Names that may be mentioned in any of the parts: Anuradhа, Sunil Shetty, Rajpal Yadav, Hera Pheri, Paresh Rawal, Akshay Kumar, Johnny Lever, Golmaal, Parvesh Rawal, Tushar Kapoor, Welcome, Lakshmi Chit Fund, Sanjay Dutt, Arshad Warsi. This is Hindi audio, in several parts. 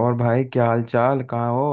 और भाई क्या हाल चाल कहाँ हो।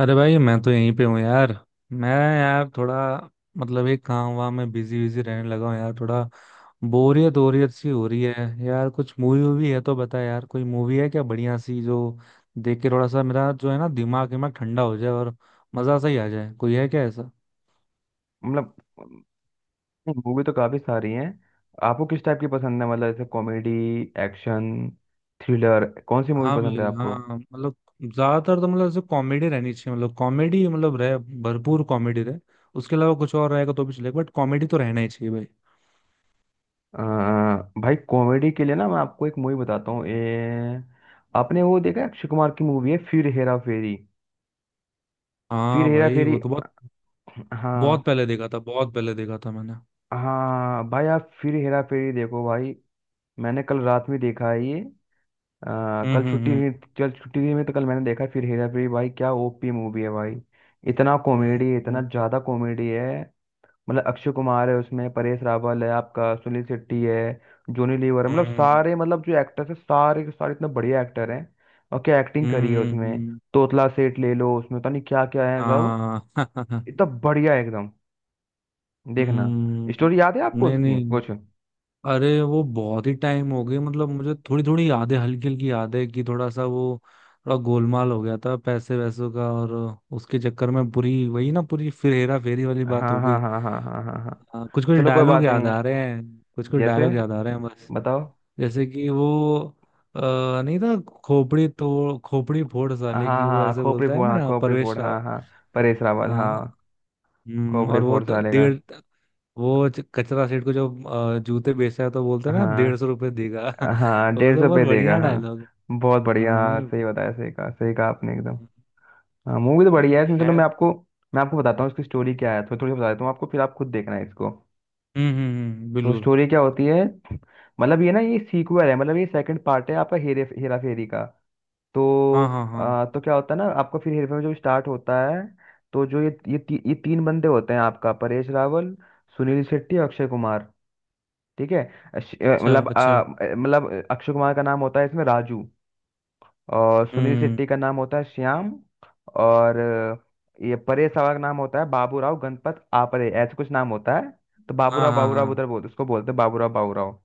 अरे भाई, मैं तो यहीं पे हूँ यार। मैं यार थोड़ा, मतलब एक काम वाम में बिजी बिजी रहने लगा हूँ यार। थोड़ा बोरियत बोरियत सी हो रही है यार। कुछ मूवी वूवी है तो बता यार। कोई मूवी है क्या बढ़िया सी, जो देख के थोड़ा सा मेरा जो है ना दिमाग दिमाग ठंडा हो जाए और मजा सा ही आ जाए। कोई है क्या ऐसा? मतलब मूवी तो काफी सारी हैं। आपको किस टाइप की पसंद है, मतलब जैसे कॉमेडी, एक्शन, थ्रिलर, कौन सी मूवी हाँ पसंद भाई, है आपको। हाँ, मतलब ज्यादातर तो, मतलब ऐसे कॉमेडी रहनी चाहिए, मतलब कॉमेडी, मतलब रहे, भरपूर कॉमेडी रहे। उसके अलावा कुछ और रहेगा तो भी चलेगा, बट कॉमेडी तो रहना ही चाहिए भाई। अ, भाई कॉमेडी के लिए ना मैं आपको एक मूवी बताता हूँ। आपने वो देखा है, अक्षय कुमार की मूवी है फिर हेरा फेरी। फिर हाँ हेरा भाई, वो फेरी। तो बहुत। बहुत हाँ, पहले देखा था, बहुत पहले देखा था मैंने। हाँ भाई आप फिर हेरा फेरी देखो भाई। मैंने कल रात में देखा है ये। हम्म। कल छुट्टी हम्म। हुई। कल छुट्टी हुई में तो कल मैंने देखा फिर हेरा फेरी, भाई क्या ओपी मूवी है भाई। इतना कॉमेडी, इतना हम्म। ज्यादा कॉमेडी है। मतलब अक्षय कुमार है उसमें, परेश रावल है, आपका सुनील शेट्टी है, जॉनी लीवर है, मतलब हम्म। सारे, मतलब जो एक्टर्स है सारे के सारे इतने बढ़िया एक्टर हैं। और क्या एक्टिंग हम्म। करी है हम्म। उसमें। तोतला सेठ ले लो, उसमें पता नहीं क्या क्या है सब। हाँ। इतना बढ़िया है एकदम। देखना। हम्म। स्टोरी याद है आपको नहीं उसकी नहीं। कुछ। अरे वो बहुत ही टाइम हो गई, मतलब मुझे थोड़ी थोड़ी यादें, हल्की हल्की यादें, कि थोड़ा सा वो थोड़ा गोलमाल हो गया था पैसे वैसों का। और उसके चक्कर में पूरी वही ना, पूरी फिर हेरा फेरी वाली बात हाँ हो हाँ गई। हाँ हाँ हाँ हाँ हाँ। हाँ, कुछ कुछ चलो कोई डायलॉग बात नहीं याद आ है। रहे हैं। कुछ कुछ जैसे डायलॉग याद आ रहे हैं। बताओ। जैसे कि वो, अ, नहीं था, खोपड़ी फोड़ हाँ साले की, हाँ वो हाँ, ऐसे खोपड़ी बोलता है फोड़, हाँ ना खोपड़ी परवेश फोड़, रावल। हाँ हाँ। परेश रावल, हाँ। हाँ। खोपड़ी और वो फोड़ साले का। डेढ़, वो कचरा सेठ को जो जूते बेचता है, तो बोलते हैं ना 150 हाँ रुपये देगा। हाँ, वो डेढ़ तो सौ बहुत पे देगा, बढ़िया हाँ। डायलॉग बहुत है। बढ़िया, हाँ, हाँ, नहीं। सही बताया, सही कहा, सही कहा आपने एकदम। हम्म, हाँ, मूवी तो बढ़िया है इसमें। है। चलो मैं हम्म। आपको मैं आपको बताता हूँ इसकी स्टोरी क्या है, थोड़ी थोड़ी बता देता हूँ आपको, फिर आप खुद देखना है इसको। हम्म। तो बिल्कुल। स्टोरी क्या होती है। मतलब ये ना, ये सीक्वल है, मतलब ये सेकंड पार्ट है आपका हेरे हेरा फेरी का। तो हाँ हाँ हाँ। तो क्या होता है ना, आपका फिर हेरफेर में जो स्टार्ट होता है। तो जो ये तीन बंदे होते हैं आपका, परेश रावल, सुनील शेट्टी और अक्षय कुमार। ठीक है। अश- अ, अच्छा मतलब अच्छा। आ, मतलब अक्षय कुमार का नाम होता है इसमें राजू। और सुनील हम्म। शेट्टी का नाम होता है श्याम। और ये परेश रावल का नाम होता है बाबूराव गणपत आपरे, ऐसे कुछ नाम होता है। तो हाँ बाबूराव हाँ बाबूराव हाँ उधर बोलते, उसको बोलते हैं बाबूराव बाबूराव।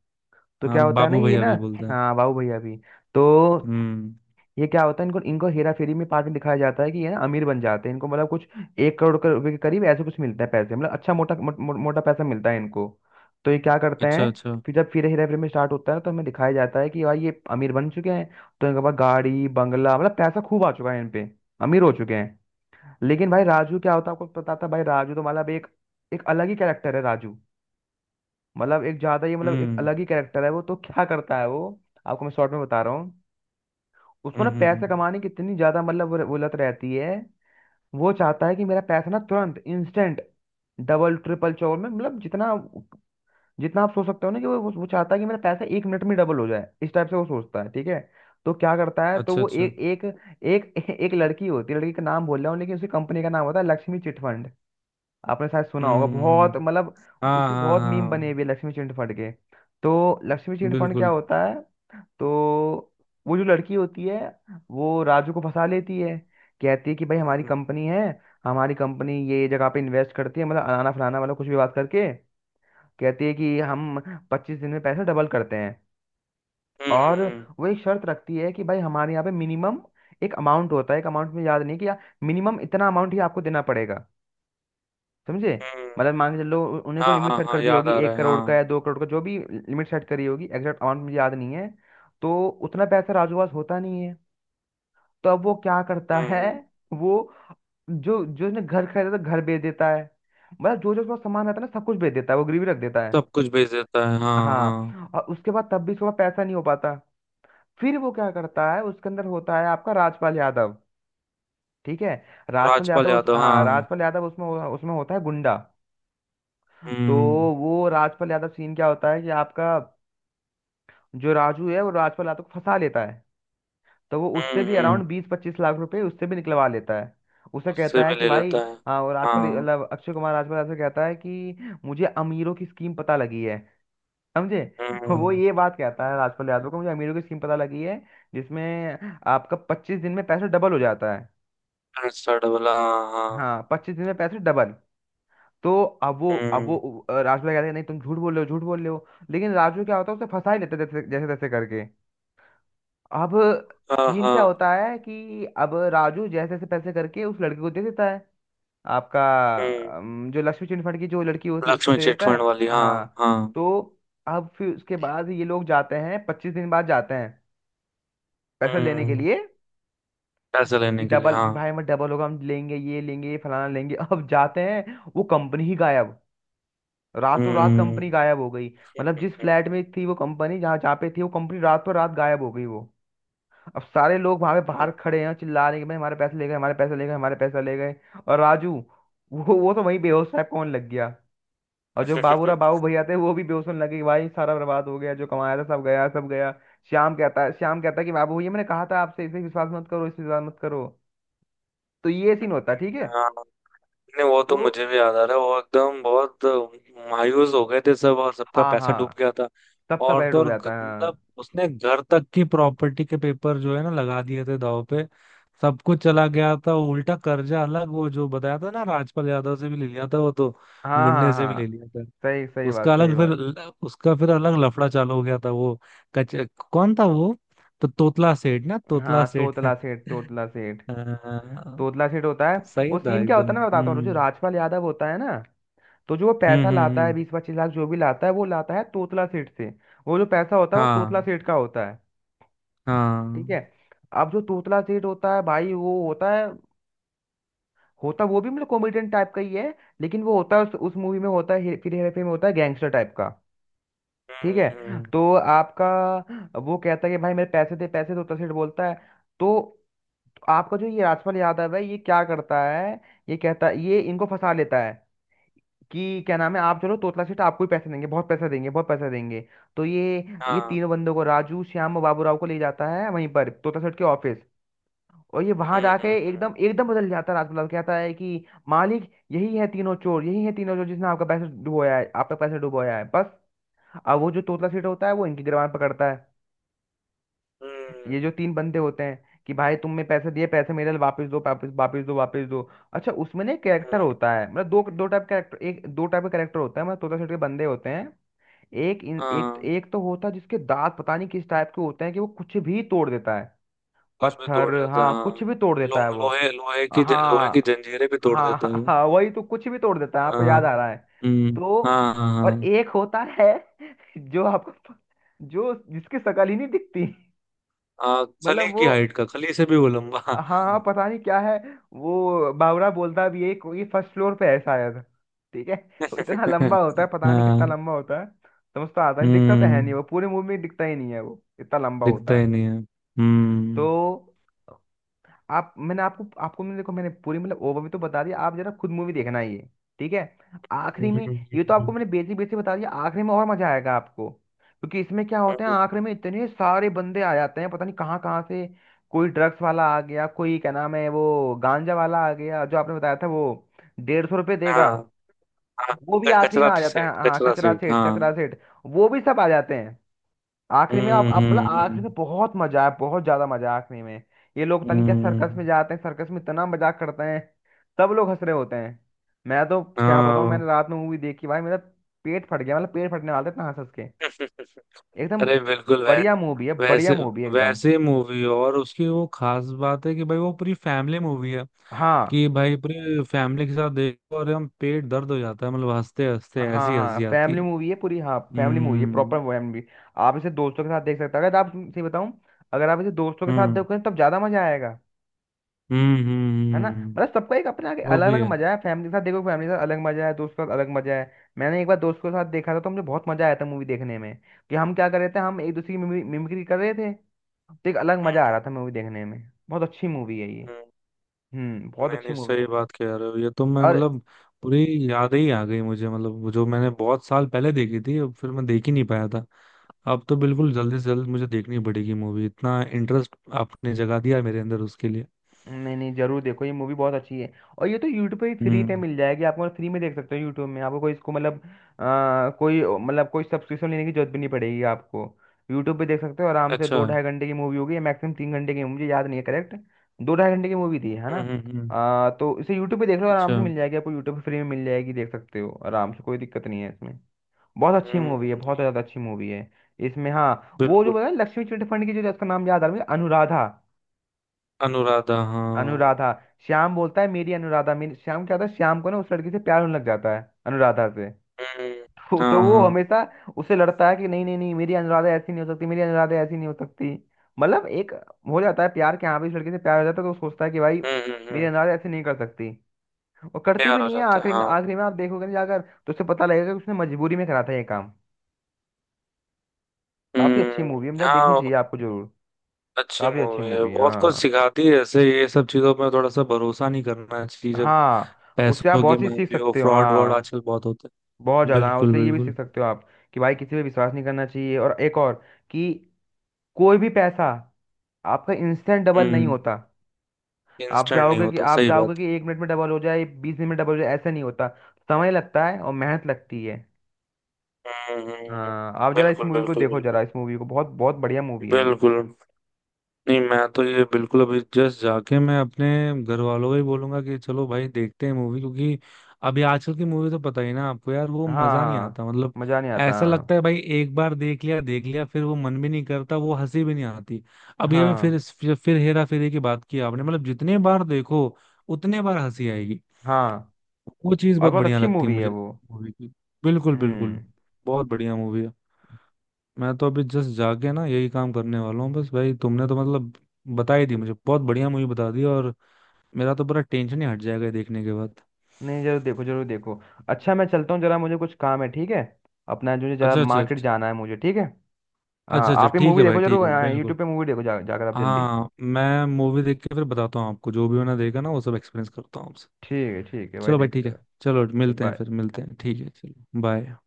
तो हाँ, क्या होता है ना, बाबू ये भैया ना। भी बोलते हैं। हाँ, बाबू भैया भी। तो हम्म। ये क्या होता है, इनको इनको हेरा फेरी में पार्ट में दिखाया जाता है कि ये ना अमीर बन जाते हैं, इनको मतलब कुछ 1 करोड़ के रुपए के करीब ऐसे कुछ मिलता है पैसे, मतलब अच्छा मोटा मो, मो, मोटा पैसा मिलता है इनको। तो ये क्या करते अच्छा हैं। अच्छा। फिर जब फिर हेरा फेरी में स्टार्ट होता है, तो हमें दिखाया जाता है कि भाई ये अमीर बन चुके हैं। तो इनके पास गाड़ी, बंगला, मतलब पैसा खूब आ चुका है इन पे। अमीर हो चुके हैं। लेकिन भाई राजू क्या होता है, आपको पता था भाई राजू तो मतलब एक एक अलग ही कैरेक्टर है राजू। मतलब एक ज्यादा ही, मतलब एक हम्म। अलग ही कैरेक्टर है वो, तो क्या करता है वो। आपको मैं शॉर्ट में बता रहा हूँ। उसको हम्म। ना हम्म। पैसे हम्म। कमाने की इतनी ज्यादा मतलब वो लत रहती है। वो चाहता है कि मेरा पैसा ना तुरंत इंस्टेंट डबल ट्रिपल चोर में, मतलब जितना जितना आप सोच सकते हो ना, कि वो चाहता है कि मेरा पैसा 1 मिनट में डबल हो जाए, इस टाइप से वो सोचता है। ठीक है। तो क्या करता है, तो अच्छा वो अच्छा। एक एक एक एक लड़की होती है, लड़की का नाम बोल रहा हूँ लेकिन उसकी कंपनी का नाम होता है लक्ष्मी चिट फंड। आपने शायद सुना होगा, हम्म। बहुत हम्म। मतलब हाँ इसके हाँ बहुत मीम बने हाँ। हुए हैं लक्ष्मी चिट फंड के। तो लक्ष्मी चिट फंड क्या बिल्कुल। होता है। तो वो जो लड़की होती है, वो राजू को फंसा लेती है। कहती है कि भाई हमारी हम्म। कंपनी है, हमारी कंपनी ये जगह पे इन्वेस्ट करती है, मतलब अनाना फलाना, मतलब कुछ भी बात करके कहती है कि हम 25 दिन में पैसा डबल करते हैं। हम्म। और हम्म। वो एक शर्त रखती है कि भाई हमारे यहाँ पे मिनिमम एक अमाउंट होता है, एक अमाउंट में याद नहीं कि, मिनिमम इतना अमाउंट ही आपको देना पड़ेगा। समझे। हम्म। मतलब मान के चलो उन्हें कोई हाँ लिमिट हाँ सेट हाँ, कर दी याद होगी, आ रहा एक है करोड़ का हाँ। या 2 करोड़ का, जो भी लिमिट सेट करी होगी, एग्जैक्ट अमाउंट मुझे याद नहीं है। तो उतना पैसा राजू के पास होता नहीं है। तो अब वो क्या करता है। हम्म। वो जो जो उसने घर खरीदा था घर बेच देता है, मतलब जो जो उसका सामान रहता है ना सब कुछ बेच देता है, वो गिरवी रख देता है। सब कुछ भेज देता है, हाँ हाँ। हाँ, और उसके बाद तब भी थोड़ा पैसा नहीं हो पाता। फिर वो क्या करता है, उसके अंदर होता है आपका राजपाल यादव। ठीक है। राजपाल राजपाल यादव, उस, यादव, हाँ, हाँ। राजपाल यादव उसमें उसमें होता है गुंडा। तो हम्म। वो राजपाल यादव, सीन क्या होता है कि आपका जो राजू है वो राजपाल यादव को फंसा लेता है। तो वो उससे हम्म। भी हम्म। अराउंड 20-25 लाख रुपए उससे भी निकलवा लेता है। उसे उससे कहता है भी कि ले भाई, लेता है। हाँ, और राजपाल, हाँ। मतलब अक्षय कुमार राजपाल ऐसे कहता है कि मुझे अमीरों की स्कीम पता लगी है। समझे। वो हम्म। ये बात कहता है राजपाल यादव को, मुझे अमीरों की स्कीम पता लगी है जिसमें आपका 25 दिन में पैसा डबल हो जाता है। ऐसा डबल, हाँ हाँ। हाँ, 25 दिन में पैसे डबल। तो अब वो, अब वो, हम्म। राजपाल कहता है नहीं तुम झूठ बोल रहे हो, झूठ बोल रहे हो। लेकिन राजू क्या होता है, उसे फंसा ही लेता है जैसे जैसे तैसे करके। अब हाँ सीन हाँ। क्या होता है कि अब राजू जैसे जैसे पैसे करके उस लड़की को दे देता है, आपका हम्म। जो लक्ष्मी चिट फंड की जो लड़की होती है उसको लक्ष्मी दे देता है। चिटफंड वाली, हाँ। हाँ। हाँ। तो अब फिर उसके बाद ये लोग जाते हैं, 25 दिन बाद जाते हैं, पैसा लेने के हम्म। लिए। पैसे कि लेने के लिए, डबल, कि हाँ। भाई मैं डबल होगा, हम लेंगे, ये लेंगे, ये फलाना लेंगे, अब जाते हैं वो कंपनी ही गायब। रातों रात हम्म। कंपनी गायब हो गई। मतलब जिस हम्म। फ्लैट में थी वो कंपनी, जहाँ जहाँ पे थी वो कंपनी रातों रात गायब हो गई वो। अब सारे लोग वहां पे बाहर खड़े हैं, चिल्ला रहे हैं कि भाई हमारे पैसे ले गए, हमारे पैसे ले गए, हमारे पैसे ले गए। और राजू, वो तो वहीं बेहोश टाइप कौन लग गया। और जो हम्म। बाबू भैया थे वो भी बेहोश होने लगे कि भाई सारा बर्बाद हो गया, जो कमाया था सब गया, सब गया। श्याम कहता है कि बाबू भैया मैंने कहा था आपसे, इसे विश्वास मत करो, इसे विश्वास मत करो। तो ये सीन होता है। ठीक है। हाँ नहीं, वो तो तो मुझे भी याद आ रहा है, वो एकदम बहुत मायूस हो गए थे सब और सबका हाँ पैसा डूब हाँ, गया था। सबका और पैर तो डूब और, जाता है। मतलब उसने घर तक की प्रॉपर्टी के पेपर जो है ना लगा दिए थे दाव पे। सब कुछ चला गया था, उल्टा कर्जा अलग, वो जो बताया था ना राजपाल यादव से भी ले लिया था वो तो, हाँ गुंडे हाँ से हाँ भी हाँ, ले लिया था। सही, सही बात, उसका सही अलग, फिर बात। उसका फिर अलग लफड़ा चालू हो गया था वो। कच कौन था वो? तो तोतला सेठ ना, तोतला हाँ, सेठ। तोतला सेठ, तोतला सेठ। हाँ, तोतला सेठ होता है। तो सही वो था सीन क्या होता एकदम। है ना, मैं बताता हूँ, जो हम्म। राजपाल यादव होता है ना, तो जो वो हम्म। पैसा हम्म। लाता है, 20-25 लाख जो भी लाता है, वो लाता है तोतला सेठ से। वो जो पैसा होता है वो तोतला हाँ सेठ का होता है। ठीक है। हाँ। अब जो तोतला सेठ होता है भाई, वो होता है, होता वो भी मतलब कॉमेडियन टाइप का ही है, लेकिन वो होता है उस मूवी में होता है, फिर हेरा फेरी में होता है गैंगस्टर टाइप का। ठीक हम्म। है। तो आपका वो कहता है कि भाई मेरे पैसे दे, पैसे, तोतला सेठ बोलता है। तो आपका जो ये राजपाल यादव है, ये क्या करता है, ये कहता है, ये इनको फंसा लेता है, कि क्या नाम है आप चलो तोतला सेठ, आपको ही पैसे देंगे, बहुत पैसा देंगे, बहुत पैसा देंगे। तो ये हाँ। तीनों बंदों को, राजू, श्याम और बाबू राव को ले जाता है वहीं पर तोतला सेठ के ऑफिस। और ये वहां हम्म। जाके हम्म। एकदम एकदम बदल जाता है, राजपाल कहता है कि मालिक यही है तीनों चोर, यही है तीनों चोर, जिसने आपका पैसा डुबोया है, आपका पैसा डुबोया है, बस। अब वो जो तोतला सेठ होता है वो इनकी गिरबान पकड़ता है, हम्म। ये जो तीन बंदे होते हैं, कि भाई तुमने पैसे दिए, पैसे मेरे वापस दो, वापस, वापस दो, वापस दो। अच्छा उसमें ना हम्म। कैरेक्टर होता है, मतलब दो दो टाइप कैरेक्टर, एक दो टाइप का कैरेक्टर होता है, मतलब तोता सेठ के बंदे होते हैं। एक एक हाँ, एक तो होता है जिसके दांत पता नहीं किस टाइप के होते हैं कि वो कुछ भी तोड़ देता है। कुछ भी पत्थर, तोड़ लेता है, हाँ, कुछ हाँ। भी तोड़ लो, देता है वो। लोहे लोहे की लोहे की हाँ जंजीरें भी तोड़ देता है हाँ वो। हाँ, वही तो कुछ भी तोड़ देता है, आपको हाँ। याद आ रहा है। हम्म। तो हाँ हाँ और हाँ। एक होता है जो आपको, जो जिसकी शक्ल ही नहीं दिखती। हाँ, खली मतलब की वो, हाइट का, खली से भी वो लंबा। हाँ हाँ पता नहीं क्या है। वो बावरा बोलता भी है कोई फर्स्ट फ्लोर पे है शायद। ठीक है। वो इतना लंबा होता है, पता नहीं कितना हाँ। लंबा होता है। समझ तो आता नहीं, दिखता तो है नहीं, हम्म। वो पूरे मूवी में दिखता ही नहीं है वो, इतना लंबा दिखता होता ही है। नहीं है। हम्म। तो आप, मैंने आपको, आपको मैंने, देखो मैंने पूरी मतलब ओवरव्यू तो बता दिया आप जरा खुद मूवी देखना ये। ठीक है हम्म। आखिरी में। हम्म। ये तो आपको हम्म। मैंने बेसिक बेसिक बता दिया, आखिरी में और मजा आएगा आपको, क्योंकि इसमें क्या होता है हम्म। आखिरी में इतने सारे बंदे आ जाते हैं, पता नहीं कहाँ कहाँ से। कोई ड्रग्स वाला आ गया, कोई क्या नाम है वो गांजा वाला आ गया जो आपने बताया था, वो 150 रुपये हाँ। देगा, हाँ, वो भी आखिरी में कचरा आ जाता है। सेट, हाँ, कचरा कचरा सेट, सेठ, कचरा हाँ। सेठ, वो भी सब आ जाते हैं आखिरी में। आप, हम्म। आप मतलब आखिरी हम्म। में बहुत मजा है, बहुत ज्यादा मजा है आखिरी में। ये लोग पता नहीं क्या, सर्कस हम्म। में जाते हैं, सर्कस में इतना मजाक करते हैं, सब लोग हंस रहे होते हैं। मैं तो क्या बताऊं, हाँ। मैंने रात में मूवी देखी, भाई मेरा पेट फट गया, मतलब पेट फटने वाला था इतना हंस हंस के, एकदम। अरे बिल्कुल, वै, बढ़िया मूवी है, बढ़िया वैसे मूवी है एकदम। वैसे मूवी और उसकी वो खास बात है कि भाई वो पूरी फैमिली मूवी है। हाँ कि भाई पूरी फैमिली के साथ देखो और हम पेट दर्द हो जाता है, मतलब हंसते हंसते हाँ ऐसी हाँ, हंसी आती फैमिली है। मूवी है पूरी, हाँ फैमिली मूवी है, प्रॉपर हम्म। फैमिली। आप इसे दोस्तों के साथ देख सकते हैं, अगर आप सही बताऊं, अगर आप इसे दोस्तों के साथ हम्म। देखोगे तब ज्यादा मजा आएगा। हम्म। हम्म। है ना। मतलब हम्म। सबका एक अपना वो अलग भी अलग है। मजा है, फैमिली के साथ देखो फैमिली के साथ अलग मजा है, दोस्त के साथ अलग मजा है। मैंने एक बार दोस्त के साथ देखा था तो मुझे बहुत मजा आया था मूवी देखने में। कि हम क्या कर रहे थे, हम एक दूसरे की मिमिक्री कर रहे थे, तो एक अलग मजा आ हम्म। रहा था मूवी देखने में। बहुत अच्छी मूवी है ये। हम्म। हम्म, बहुत नहीं अच्छी नहीं, मूवी सही है। बात कह रहे हो। ये तो मैं और मतलब पूरी याद ही आ गई मुझे, मतलब वो जो मैंने बहुत साल पहले देखी थी, अब फिर मैं देख ही नहीं पाया था। अब तो बिल्कुल जल्दी से जल्द मुझे देखनी पड़ेगी मूवी, इतना इंटरेस्ट आपने जगा दिया मेरे अंदर उसके लिए। नहीं नहीं, जरूर देखो, ये मूवी बहुत अच्छी है। और ये तो यूट्यूब पे भी फ्री पे हम्म। मिल जाएगी आपको, फ्री में देख सकते हो यूट्यूब में, आपको कोई इसको मतलब कोई मतलब कोई सब्सक्रिप्शन लेने की जरूरत भी नहीं पड़ेगी आपको। यूट्यूब पे देख सकते हो आराम से, अच्छा। दो हम्म। ढाई घंटे की मूवी होगी, मैक्सिमम 3 घंटे की, मुझे याद नहीं है करेक्ट। दो ढाई घंटे की मूवी थी, है ना। हम्म। हम्म। तो इसे यूट्यूब पे देख लो आराम अच्छा। से, मिल जाएगी आपको, यूट्यूब पे फ्री में मिल जाएगी, देख सकते हो आराम से, कोई दिक्कत नहीं है इसमें। बहुत अच्छी मूवी है, हम्म। बहुत ज़्यादा अच्छी मूवी है। इसमें हाँ, वो जो बिल्कुल। है लक्ष्मी चिट फंड की जो जिसका नाम याद आ रहा है मुझे, अनुराधा। अनुराधा, हाँ। अनुराधा। श्याम बोलता है मेरी अनुराधा मेरी श्याम, क्या होता है श्याम को ना, उस लड़की से प्यार होने लग जाता है, अनुराधा से। हम्म। तो हाँ वो हाँ। हमेशा उससे लड़ता है कि नहीं नहीं नहीं, मेरी अनुराधा ऐसी नहीं हो सकती, मेरी अनुराधा ऐसी नहीं हो सकती। मतलब एक हो जाता है प्यार, के यहाँ भी इस लड़की से प्यार हो जाता है, तो वो सोचता है कि भाई हम्म। हम्म। मेरी हम्म। अनुराधा ऐसे नहीं कर सकती। और करती भी प्यार हो नहीं है जाता है, आखिरी में, हाँ। आखिरी में आप देखोगे ना जाकर, तो उससे पता लगेगा कि उसने मजबूरी में करा था ये काम। काफी अच्छी हम्म। मूवी है, मतलब देखनी हाँ। चाहिए आपको जरूर। अच्छी काफी अच्छी मूवी है, मूवी है, बहुत कुछ हाँ। सिखाती है ऐसे। ये सब चीजों में थोड़ा सा भरोसा नहीं करना चाहिए, जब हाँ, उससे आप पैसों के बहुत सी सीख मामले हो। सकते हो, फ्रॉड वॉड हाँ आजकल बहुत होते बहुत हैं। ज़्यादा, हाँ बिल्कुल उससे ये भी सीख बिल्कुल। सकते हो आप, कि भाई किसी पे विश्वास नहीं करना चाहिए। और एक और, कि कोई भी पैसा आपका इंस्टेंट डबल नहीं हम्म, होता। आप इंस्टेंट नहीं चाहोगे कि होता, आप सही बात चाहोगे कि 1 मिनट में डबल हो जाए, 20 मिनट में डबल हो जाए, ऐसा नहीं होता। समय लगता है और मेहनत लगती है। है। हम्म। हम्म। हाँ आप जरा इस बिल्कुल मूवी को बिल्कुल देखो, जरा बिल्कुल। इस मूवी को, बहुत बहुत बढ़िया मूवी है ये। बिल्कुल। नहीं, मैं तो ये बिल्कुल अभी जस्ट जाके मैं अपने घर वालों को ही बोलूंगा कि चलो भाई देखते हैं मूवी, क्योंकि अभी आजकल की मूवी तो पता ही ना आपको यार, वो हाँ मजा नहीं हाँ, आता मतलब। मज़ा नहीं आता, ऐसा हाँ। लगता है भाई, एक बार देख लिया, देख लिया, फिर वो मन भी नहीं करता, वो हंसी भी नहीं आती। अभी अभी हाँ फिर हेरा फेरी की बात की आपने, मतलब जितने बार देखो उतने बार हंसी आएगी। हाँ, वो चीज और बहुत बहुत बढ़िया अच्छी लगती है मूवी है मुझे वो। मूवी की। बिल्कुल बिल्कुल। हम्म। बहुत बढ़िया मूवी है। मैं तो अभी जस्ट जाके ना यही काम करने वाला हूँ। बस भाई, तुमने तो मतलब बता ही दी मुझे, बहुत बढ़िया मूवी बता दी और मेरा तो पूरा टेंशन ही हट जाएगा ये देखने के बाद। नहीं जरूर देखो, जरूर देखो। अच्छा, मैं चलता हूँ जरा, मुझे कुछ काम है, ठीक है। अपना जो, जरा अच्छा अच्छा मार्केट अच्छा। जाना है मुझे, ठीक है। हाँ, अच्छा अच्छा, आप ये ठीक मूवी है भाई, देखो ठीक है, जरूर। बिल्कुल। यूट्यूब पे मूवी देखो, जाकर आप जल्दी। हाँ, मैं मूवी देख के फिर बताता हूँ आपको, जो भी मैंने देखा ना वो सब एक्सपीरियंस करता हूँ आपसे। ठीक है, ठीक है भाई, चलो भाई देखो ठीक है। जरा। चलो मिलते हैं बाय। फिर, मिलते हैं, ठीक है, चलो बाय।